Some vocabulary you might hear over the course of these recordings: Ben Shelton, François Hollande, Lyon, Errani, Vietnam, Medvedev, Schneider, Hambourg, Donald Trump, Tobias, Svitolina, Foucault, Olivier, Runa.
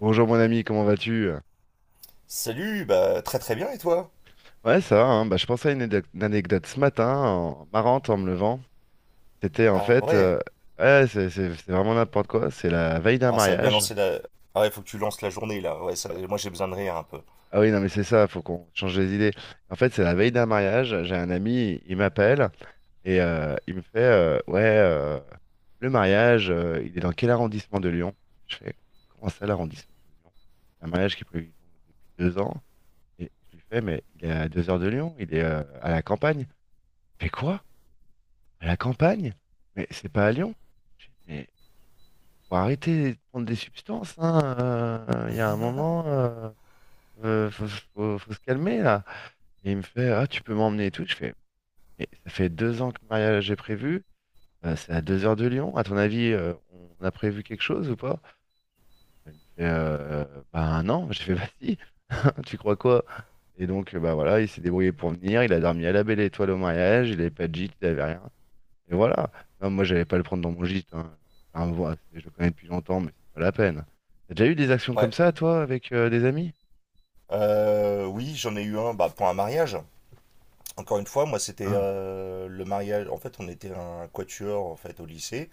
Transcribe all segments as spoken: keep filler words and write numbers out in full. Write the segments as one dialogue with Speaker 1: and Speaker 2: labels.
Speaker 1: Bonjour mon ami, comment vas-tu?
Speaker 2: Salut, bah très très bien et toi?
Speaker 1: Ouais, ça va, hein. Bah, je pensais à une, anecdote une anecdote ce matin, en- marrante en me levant. C'était en
Speaker 2: Ah
Speaker 1: fait,
Speaker 2: ouais,
Speaker 1: euh, ouais, c'est c'est- c'est vraiment n'importe quoi, c'est la veille d'un
Speaker 2: ah, ça va bien
Speaker 1: mariage.
Speaker 2: lancer la... Ah ouais, faut que tu lances la journée là, ouais, ça- moi j'ai besoin de rire un peu.
Speaker 1: Ah oui, non mais c'est ça, faut qu'on change les idées. En fait, c'est la veille d'un mariage, j'ai un ami, il m'appelle et euh, il me fait, euh, ouais, euh, le mariage, euh, il est dans quel arrondissement de Lyon? Je fais, comment ça l'arrondissement de Lyon? Un mariage qui est prévu donc depuis deux ans. Et je lui fais, mais il est à deux heures de Lyon, il est euh, à la campagne. Fais quoi? À la campagne? Mais c'est pas à Lyon. Je dis, mais faut arrêter de prendre des substances, hein. euh, Il y a un moment, euh, euh, faut, faut- faut se calmer là. Et il me fait, ah, tu peux m'emmener et tout. Je fais, mais ça fait deux ans que le mariage est prévu. Euh, c'est à deux heures de Lyon. À ton avis, euh, on a prévu quelque chose ou pas? Il me fait, euh, bah non. J'ai fait, bah si. Tu crois quoi? Et donc, euh, bah voilà, il s'est débrouillé pour venir. Il a dormi à la Belle Étoile au mariage. Il avait pas de gîte, il avait rien. Et voilà. Non, moi, j'allais pas le prendre dans mon gîte, hein. Enfin, voilà, c'est- je le connais depuis longtemps, mais c'est pas la peine. T'as déjà eu des actions comme
Speaker 2: Ouais,
Speaker 1: ça, toi, avec euh, des amis?
Speaker 2: euh, oui, j'en ai eu un, bah, pour un mariage. Encore une fois, moi c'était
Speaker 1: Ah,
Speaker 2: euh, le mariage, en fait on était un quatuor en fait au lycée.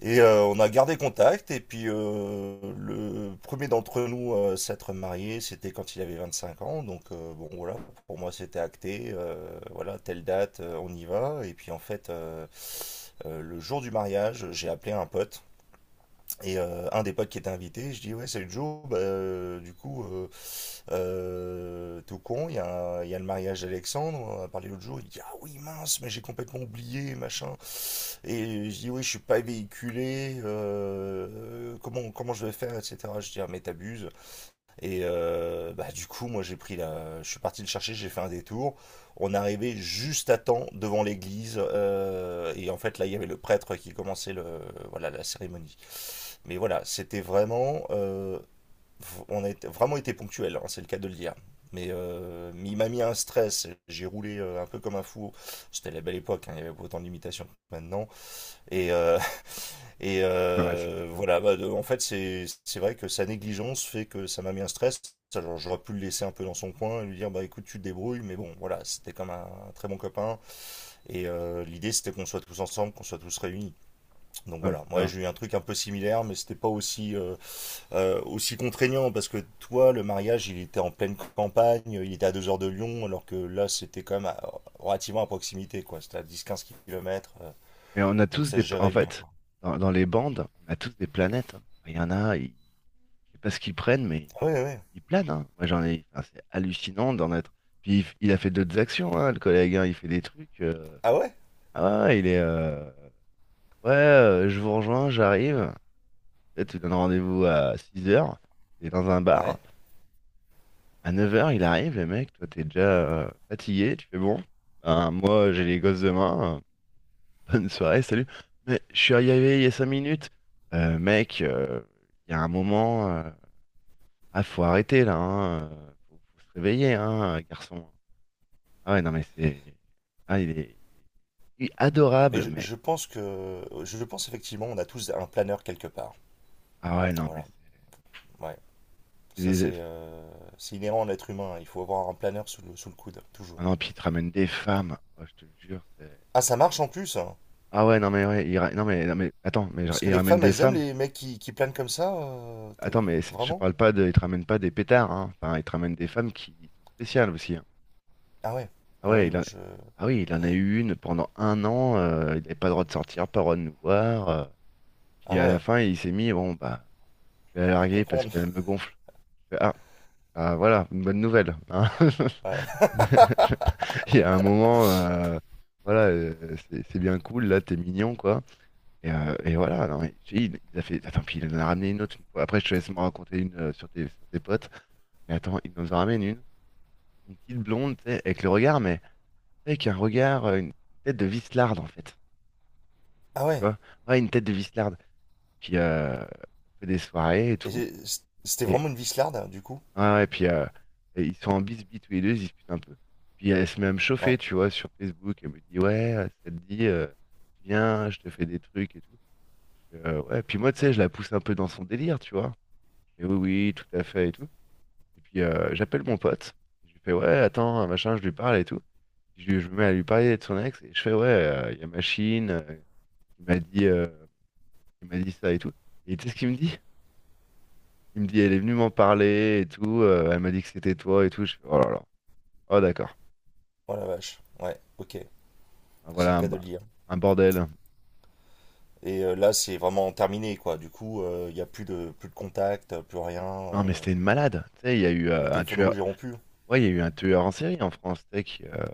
Speaker 2: Et euh, on a gardé contact. Et puis, euh, le premier d'entre nous euh, s'être marié, c'était quand il avait vingt-cinq ans. Donc, euh, bon, voilà, pour moi, c'était acté. Euh, voilà, telle date, euh, on y va. Et puis, en fait, euh, euh, le jour du mariage, j'ai appelé un pote. Et euh, un des potes qui était invité, je dis, ouais, salut Joe. Bah, euh, du coup, euh, euh, tout con, il y a, il y a le mariage d'Alexandre. On a parlé l'autre jour. Il dit, ah oui, mince, mais j'ai complètement oublié, machin. Et je dis, oui, je suis pas véhiculé, euh, comment, comment je vais faire, et cetera. Je dis, ah, mais t'abuses. Et euh, bah, du coup, moi, j'ai pris la... je suis parti le chercher, j'ai fait un détour. On arrivait juste à temps devant l'église. Euh, et en fait, là, il y avait le prêtre qui commençait le, voilà, la cérémonie. Mais voilà, c'était vraiment. Euh, on a été- vraiment été ponctuel, hein, c'est le cas de le dire. Mais, euh, mais il m'a mis un stress. J'ai roulé euh, un peu comme un fou. C'était la belle époque, hein, il y avait pas autant de limitations que maintenant. Et, euh, et
Speaker 1: ouais, c'est
Speaker 2: euh,
Speaker 1: sûr.
Speaker 2: voilà, bah, de- en fait, c'est c'est vrai que sa négligence fait que ça m'a mis un stress. Alors, j'aurais pu le laisser un peu dans son coin et lui dire, bah écoute, tu te débrouilles, mais bon, voilà, c'était comme un, un très bon copain. Et euh, l'idée, c'était qu'on soit tous ensemble, qu'on soit tous réunis. Donc
Speaker 1: Ah, mais
Speaker 2: voilà,
Speaker 1: c'est
Speaker 2: moi,
Speaker 1: ça.
Speaker 2: j'ai eu un truc un peu similaire, mais c'était pas aussi, euh, euh, aussi contraignant parce que toi, le mariage, il était en pleine campagne, il était à deux heures de Lyon, alors que là, c'était quand même à- relativement à proximité, quoi. C'était à dix quinze kilomètres, euh,
Speaker 1: Mais on a
Speaker 2: donc
Speaker 1: tous
Speaker 2: ça
Speaker 1: des.
Speaker 2: se
Speaker 1: En
Speaker 2: gérait bien,
Speaker 1: fait,
Speaker 2: quoi.
Speaker 1: dans, dans les bandes, on a tous des planètes, hein. Enfin, il y en a, ils... je sais pas ce qu'ils prennent, mais
Speaker 2: Ah ouais, ouais.
Speaker 1: ils planent, hein. Moi, j'en ai. Enfin, c'est hallucinant d'en être. Puis il, f- il a fait d'autres actions, hein, le collègue, hein. Il fait des trucs. euh,
Speaker 2: Ah ouais?
Speaker 1: Ah, ouais, il est. euh, Ouais, euh, je vous rejoins, j'arrive. Là, tu donnes rendez-vous à six heures. T'es dans un
Speaker 2: Ouais.
Speaker 1: bar. À neuf heures, il arrive, le mec, toi t'es déjà euh, fatigué, tu fais bon. Ben, moi j'ai les gosses demain, euh, bonne soirée, salut. Mais je suis arrivé il y a cinq minutes. Euh, mec, euh, il y a un moment, euh, ah faut arrêter là, hein, euh, faut, faut se réveiller, hein, euh, garçon. Ah ouais, non mais c'est. Ah il est, il est
Speaker 2: Mais
Speaker 1: adorable,
Speaker 2: je,
Speaker 1: mais.
Speaker 2: je pense que, je pense effectivement, on a tous un planeur quelque part.
Speaker 1: Ah ouais, non mais
Speaker 2: Voilà.
Speaker 1: c'est.
Speaker 2: Ouais.
Speaker 1: C'est
Speaker 2: Ça,
Speaker 1: des-
Speaker 2: c'est euh, c'est inhérent à l'être humain. Il faut avoir un planeur sous le, sous le coude,
Speaker 1: ah
Speaker 2: toujours.
Speaker 1: non, puis il te ramène des femmes, oh, je te jure, c'est.
Speaker 2: Ah, ça marche en plus, hein.
Speaker 1: Ah ouais, non mais ouais, il ra- non mais non mais attends, mais genre,
Speaker 2: Parce que
Speaker 1: il
Speaker 2: les
Speaker 1: ramène
Speaker 2: femmes,
Speaker 1: des
Speaker 2: elles aiment
Speaker 1: femmes.
Speaker 2: les mecs qui, qui planent comme ça. Euh, t'es-
Speaker 1: Attends, mais c'est- je te
Speaker 2: vraiment?
Speaker 1: parle pas de. Il te ramène pas des pétards, hein. Enfin, il te ramène des femmes qui sont spéciales aussi, hein.
Speaker 2: Ah ouais.
Speaker 1: Ah
Speaker 2: Ah
Speaker 1: ouais,
Speaker 2: oui,
Speaker 1: il
Speaker 2: bah
Speaker 1: en-
Speaker 2: je.
Speaker 1: ah oui, il en a eu une pendant un an. Euh, il n'avait pas le droit de sortir, pas le droit de nous voir. euh.
Speaker 2: Ah
Speaker 1: Puis à la
Speaker 2: ouais,
Speaker 1: fin, il s'est mis, bon, bah, je vais
Speaker 2: on
Speaker 1: la
Speaker 2: peut
Speaker 1: larguer parce
Speaker 2: comprendre.
Speaker 1: qu'elle me gonfle. Je fais, ah, ah, voilà, une bonne nouvelle, hein.
Speaker 2: Ouais.
Speaker 1: Il y a un moment, euh, voilà, euh, c'est c'est bien cool, là, t'es mignon, quoi. Et, euh, et voilà, non, mais, si, il, il a fait. Attends, puis il en a ramené une autre une fois. Après, je te laisse me raconter une euh, sur tes, sur tes potes. Mais attends, il nous en ramène une. Une petite blonde, tu sais, avec le regard, mais tu sais, avec un regard, euh, une tête de vislarde, en fait.
Speaker 2: Ah
Speaker 1: Tu
Speaker 2: ouais.
Speaker 1: vois? Ouais, une tête de vislarde. Puis, euh, on fait des soirées et
Speaker 2: Et
Speaker 1: tout.
Speaker 2: j'ai- C'était
Speaker 1: Et,
Speaker 2: vraiment une vislarde, hein, du coup?
Speaker 1: ouais, ouais, puis, euh, et ils sont en bisbis tous les deux, ils se disputent un peu. Puis, elle se met à me chauffer,
Speaker 2: Ouais.
Speaker 1: tu vois, sur Facebook. Elle me dit, ouais, euh, ça te dit, euh, viens, je te fais des trucs et tout. Euh, ouais, puis moi, tu sais, je la pousse un peu dans son délire, tu vois. Et oui, oui, tout à fait et tout. Et puis, euh, j'appelle mon pote. Je lui fais, ouais, attends, machin, je lui parle et tout. Je, je me mets à lui parler de son ex et je fais ouais, euh, il y a machine, euh, il m'a dit, euh, il m'a dit ça et tout. Et tu sais ce qu'il me dit? Il me dit elle est venue m'en parler et tout, euh, elle m'a dit que c'était toi et tout. Je fais oh là là, oh d'accord,
Speaker 2: Oh la vache. Ouais, ok.
Speaker 1: ah,
Speaker 2: C'est
Speaker 1: voilà
Speaker 2: le
Speaker 1: un,
Speaker 2: cas de le
Speaker 1: ba-
Speaker 2: dire.
Speaker 1: un bordel.
Speaker 2: Et euh, là, c'est vraiment terminé, quoi. Du coup, euh, il n'y a plus de, plus de contact, plus rien.
Speaker 1: Non mais
Speaker 2: euh,
Speaker 1: c'était une malade, tu sais, il y a eu
Speaker 2: Le
Speaker 1: euh, un
Speaker 2: téléphone
Speaker 1: tueur,
Speaker 2: rouge est rompu, hein.
Speaker 1: ouais, il y a eu un tueur en série en France, tu sais, qui euh,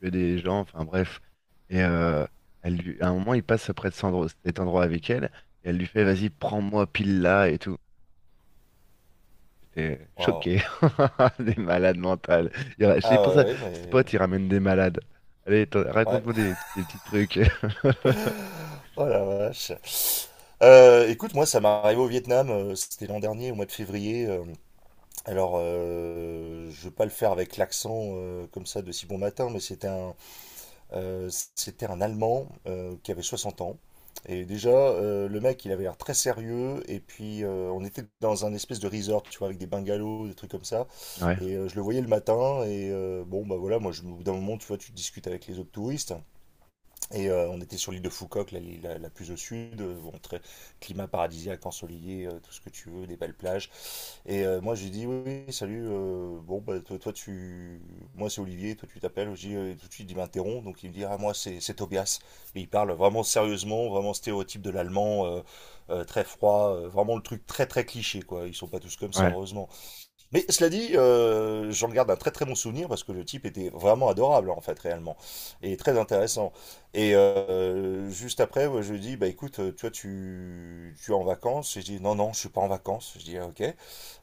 Speaker 1: tuait des gens, enfin bref. Et euh, elle lui- à un moment il passe près de cet endroit cet endroit avec elle et elle lui fait vas-y prends-moi pile là et tout. J'étais
Speaker 2: Waouh.
Speaker 1: choqué. Des malades mentales. Il ra- c'est
Speaker 2: Ah
Speaker 1: pour ça,
Speaker 2: ouais, ouais, mais.
Speaker 1: Spot, il ramène des malades. Allez, t'en-
Speaker 2: Ouais.
Speaker 1: raconte-moi des, des petits trucs.
Speaker 2: Oh la vache. Euh, écoute, moi, ça m'est arrivé au Vietnam. euh, C'était l'an dernier, au mois de février. Euh, alors, euh, je vais pas le faire avec l'accent euh, comme ça de si bon matin, mais c'était un, euh, c'était un Allemand euh, qui avait 60 ans. Et déjà, euh, le mec, il avait l'air très sérieux. Et puis, euh, on était dans un espèce de resort, tu vois, avec des bungalows, des trucs comme ça.
Speaker 1: Ouais,
Speaker 2: Et euh, je le voyais le matin. Et euh, bon, bah voilà, moi, je, au bout d'un moment, tu vois, tu discutes avec les autres touristes. Et euh, on était sur l'île de Foucault, la, la, la plus au sud, euh, bon, très- climat paradisiaque, ensoleillé, euh, tout ce que tu veux, des belles plages. Et euh, moi, j'ai dit, oui, oui, salut, euh, bon, bah, toi, toi, tu. Moi, c'est Olivier, toi, tu t'appelles. Je dis, euh, tout de suite, il m'interrompt, donc il me dit, ah, moi, c'est c'est Tobias. Et il parle vraiment sérieusement, vraiment stéréotype de l'allemand, euh, euh, très froid, euh, vraiment le truc très, très cliché, quoi. Ils sont pas tous comme ça,
Speaker 1: ouais.
Speaker 2: heureusement. Mais cela dit, euh, j'en garde un très très bon souvenir parce que le type était vraiment adorable en fait réellement et très intéressant. Et euh, juste après, ouais, je lui dis bah écoute, euh, toi tu tu es en vacances. Et je dis non non, je suis pas en vacances. Je dis ah, ok.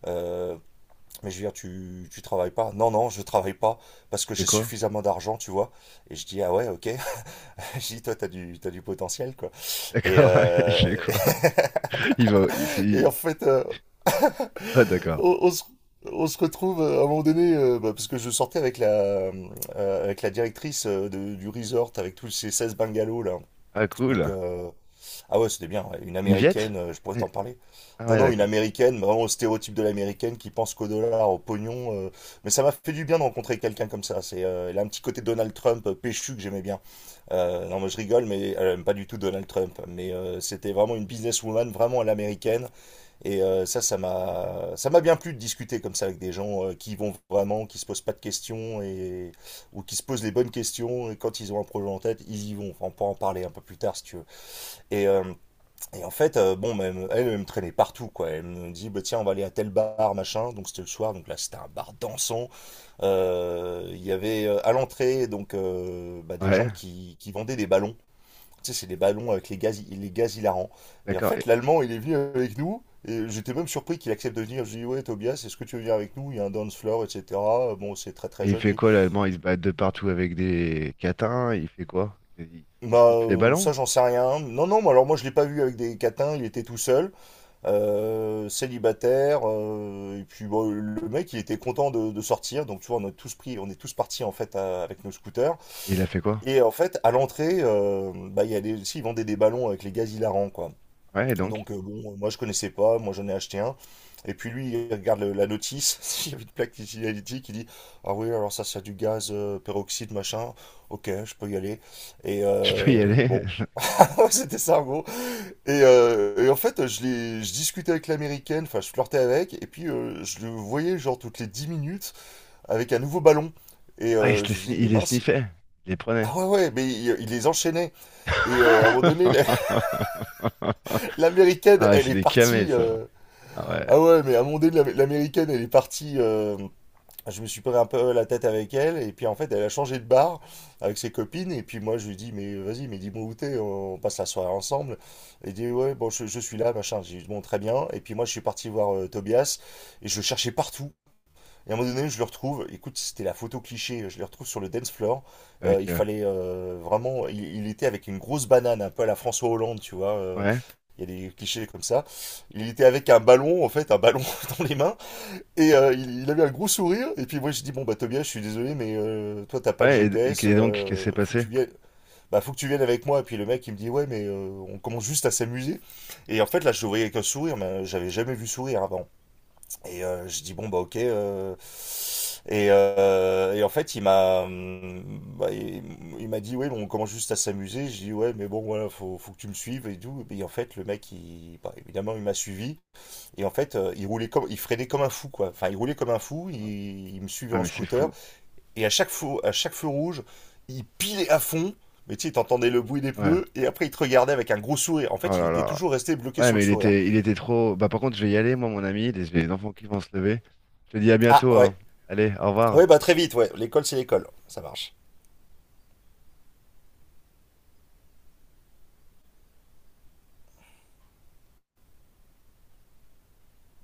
Speaker 2: Euh, mais je veux dire, tu tu travailles pas. Non non, je travaille pas parce
Speaker 1: Il
Speaker 2: que
Speaker 1: fait
Speaker 2: j'ai
Speaker 1: quoi?
Speaker 2: suffisamment d'argent, tu vois. Et je dis ah ouais ok. Je dis toi t'as du t'as du potentiel quoi. Et
Speaker 1: D'accord, ouais, il
Speaker 2: euh,
Speaker 1: fait quoi? Il va. il- c'est-
Speaker 2: et
Speaker 1: il-
Speaker 2: en fait, euh,
Speaker 1: Ah, d'accord.
Speaker 2: on, on se, on se retrouve euh, à un moment donné, euh, bah, parce que je sortais avec la, euh, avec la directrice euh, de- du resort, avec tous ces seize bungalows là.
Speaker 1: Ah,
Speaker 2: Donc,
Speaker 1: cool.
Speaker 2: euh, ah ouais, c'était bien, ouais. Une
Speaker 1: Une viette?
Speaker 2: américaine, euh, je pourrais
Speaker 1: Eh,
Speaker 2: t'en parler.
Speaker 1: ah,
Speaker 2: Non,
Speaker 1: ouais,
Speaker 2: non, une
Speaker 1: d'accord.
Speaker 2: américaine, vraiment au stéréotype de l'américaine qui pense qu'au dollar, au pognon. euh. Mais ça m'a fait du bien de rencontrer quelqu'un comme ça. C'est, euh, elle a un petit côté Donald Trump euh, péchu que j'aimais bien. Euh, non, moi je rigole, mais elle aime pas du tout Donald Trump. Mais euh, c'était vraiment une businesswoman, vraiment à l'américaine. Et euh, ça, ça m'a, ça m'a bien plu de discuter comme ça avec des gens euh, qui y vont vraiment, qui se posent pas de questions et ou qui se posent les bonnes questions. Et quand ils ont un projet en tête, ils y vont. Enfin, on peut en parler un peu plus tard si tu veux. Et, euh, et en fait, euh, bon, bah, elle, me- elle, elle me traînait partout, quoi. Elle me dit, bah, tiens, on va aller à tel bar, machin. Donc c'était le soir. Donc là, c'était un bar dansant. Euh, Il y avait euh, à l'entrée donc euh, bah, des
Speaker 1: Ouais,
Speaker 2: gens qui, qui vendaient des ballons. Tu sais, c'est des ballons avec les gaz, les gaz hilarants. Et en
Speaker 1: d'accord.
Speaker 2: fait,
Speaker 1: Et,
Speaker 2: l'allemand, il est venu avec nous. Et j'étais même surpris qu'il accepte de venir. Je lui dis, ouais, Tobias, est-ce que tu veux venir avec nous? Il y a un dance floor, et cetera. Bon, c'est très très
Speaker 1: et il
Speaker 2: jeune.
Speaker 1: fait
Speaker 2: Je dis,
Speaker 1: quoi, l'allemand? Il se bat de partout avec des catins? Il fait quoi? Il, il
Speaker 2: bah,
Speaker 1: sniffe les
Speaker 2: euh,
Speaker 1: ballons?
Speaker 2: ça, j'en sais rien. Non, non, mais alors moi, je l'ai pas vu avec des catins. Il était tout seul, euh, célibataire. Euh, et puis, bon, le mec, il était content de, de sortir. Donc, tu vois, on a tous pris, on est tous partis, en fait, à- avec nos scooters.
Speaker 1: Et il a fait quoi?
Speaker 2: Et en fait, à l'entrée, euh, bah, il y a des, si, ils vendaient des ballons avec les gaz hilarants, quoi.
Speaker 1: Ouais, et donc?
Speaker 2: Donc euh, bon, euh, moi je connaissais pas, moi j'en ai acheté un. Et puis lui, il regarde le- la notice, il y avait une plaque d'utility qui dit, ah oui, alors ça c'est du gaz euh, peroxyde machin, ok, je peux y aller. Et
Speaker 1: Je peux y
Speaker 2: euh,
Speaker 1: aller?
Speaker 2: bon, c'était ça en gros. Et, euh, et en fait, je, l'ai- je discutais avec l'américaine, enfin je flirtais avec, et puis euh, je le voyais genre toutes les dix minutes avec un nouveau ballon. Et
Speaker 1: Ah, il
Speaker 2: euh,
Speaker 1: se
Speaker 2: je
Speaker 1: les,
Speaker 2: lui
Speaker 1: sni-
Speaker 2: dis, mais
Speaker 1: il les
Speaker 2: mince.
Speaker 1: sniffait. Il les prenait.
Speaker 2: Ah ouais, ouais, mais il, il les enchaînait. Et euh, à un moment donné, l'américaine,
Speaker 1: Ah ouais,
Speaker 2: elle
Speaker 1: c'est
Speaker 2: est
Speaker 1: des camés,
Speaker 2: partie.
Speaker 1: ça.
Speaker 2: euh,
Speaker 1: Ah ouais,
Speaker 2: Ah ouais, mais à mon délire, l'Am- l'américaine, elle est partie. Euh, je me suis pris un peu la tête avec elle, et puis en fait, elle a changé de bar avec ses copines, et puis moi, je lui dis, mais vas-y, mais dis-moi où t'es, on passe la soirée ensemble. Elle dit, ouais, bon, je, je suis là, machin. J'ai dit, bon, très bien. Et puis moi, je suis parti voir euh, Tobias, et je le cherchais partout. Et à un moment donné, je le retrouve. Écoute, c'était la photo cliché. Je le retrouve sur le dance floor. Euh,
Speaker 1: avec...
Speaker 2: il
Speaker 1: euh,
Speaker 2: fallait euh, vraiment. Il, il était avec une grosse banane, un peu à la François Hollande, tu vois. euh,
Speaker 1: ouais,
Speaker 2: Il y a des clichés comme ça. Il était avec un ballon, en fait, un ballon dans les mains. Et euh, il, il avait un gros sourire. Et puis moi, je dis bon bah Tobias, je suis désolé, mais euh, toi t'as pas le
Speaker 1: ouais, et, et
Speaker 2: G P S.
Speaker 1: qu'est- donc, qu'est-ce qui
Speaker 2: Euh,
Speaker 1: s'est
Speaker 2: faut que
Speaker 1: passé?
Speaker 2: tu viennes. Bah faut que tu viennes avec moi. Et puis le mec, il me dit ouais, mais euh, on commence juste à s'amuser. Et en fait, là, je le voyais avec un sourire, mais j'avais jamais vu sourire avant. Et euh, je dis bon bah ok, euh, et, euh, et en fait il m'a hum, bah, il, il m'a dit ouais bon, on commence juste à s'amuser. Je dis ouais mais bon voilà, faut, faut que tu me suives et tout, et en fait le mec il, bah, évidemment il m'a suivi. Et en fait euh, il roulait comme il freinait comme un fou quoi, enfin il roulait comme un fou, il, il me suivait
Speaker 1: Ah
Speaker 2: en
Speaker 1: mais c'est
Speaker 2: scooter,
Speaker 1: fou.
Speaker 2: et à chaque feu à chaque feu rouge il pilait à fond, mais tu sais t'entendais le bruit des
Speaker 1: Ouais.
Speaker 2: pneus et après il te regardait avec un gros sourire, en
Speaker 1: Oh
Speaker 2: fait il
Speaker 1: là
Speaker 2: était
Speaker 1: là.
Speaker 2: toujours resté bloqué
Speaker 1: Ouais,
Speaker 2: sur le
Speaker 1: mais il
Speaker 2: sourire.
Speaker 1: était, il était trop... Bah par contre, je vais y aller, moi, mon ami, les, les enfants qui vont se lever. Je te dis à
Speaker 2: Ah
Speaker 1: bientôt,
Speaker 2: ouais
Speaker 1: hein. Allez, au revoir.
Speaker 2: ouais, bah très vite ouais, l'école c'est l'école, ça marche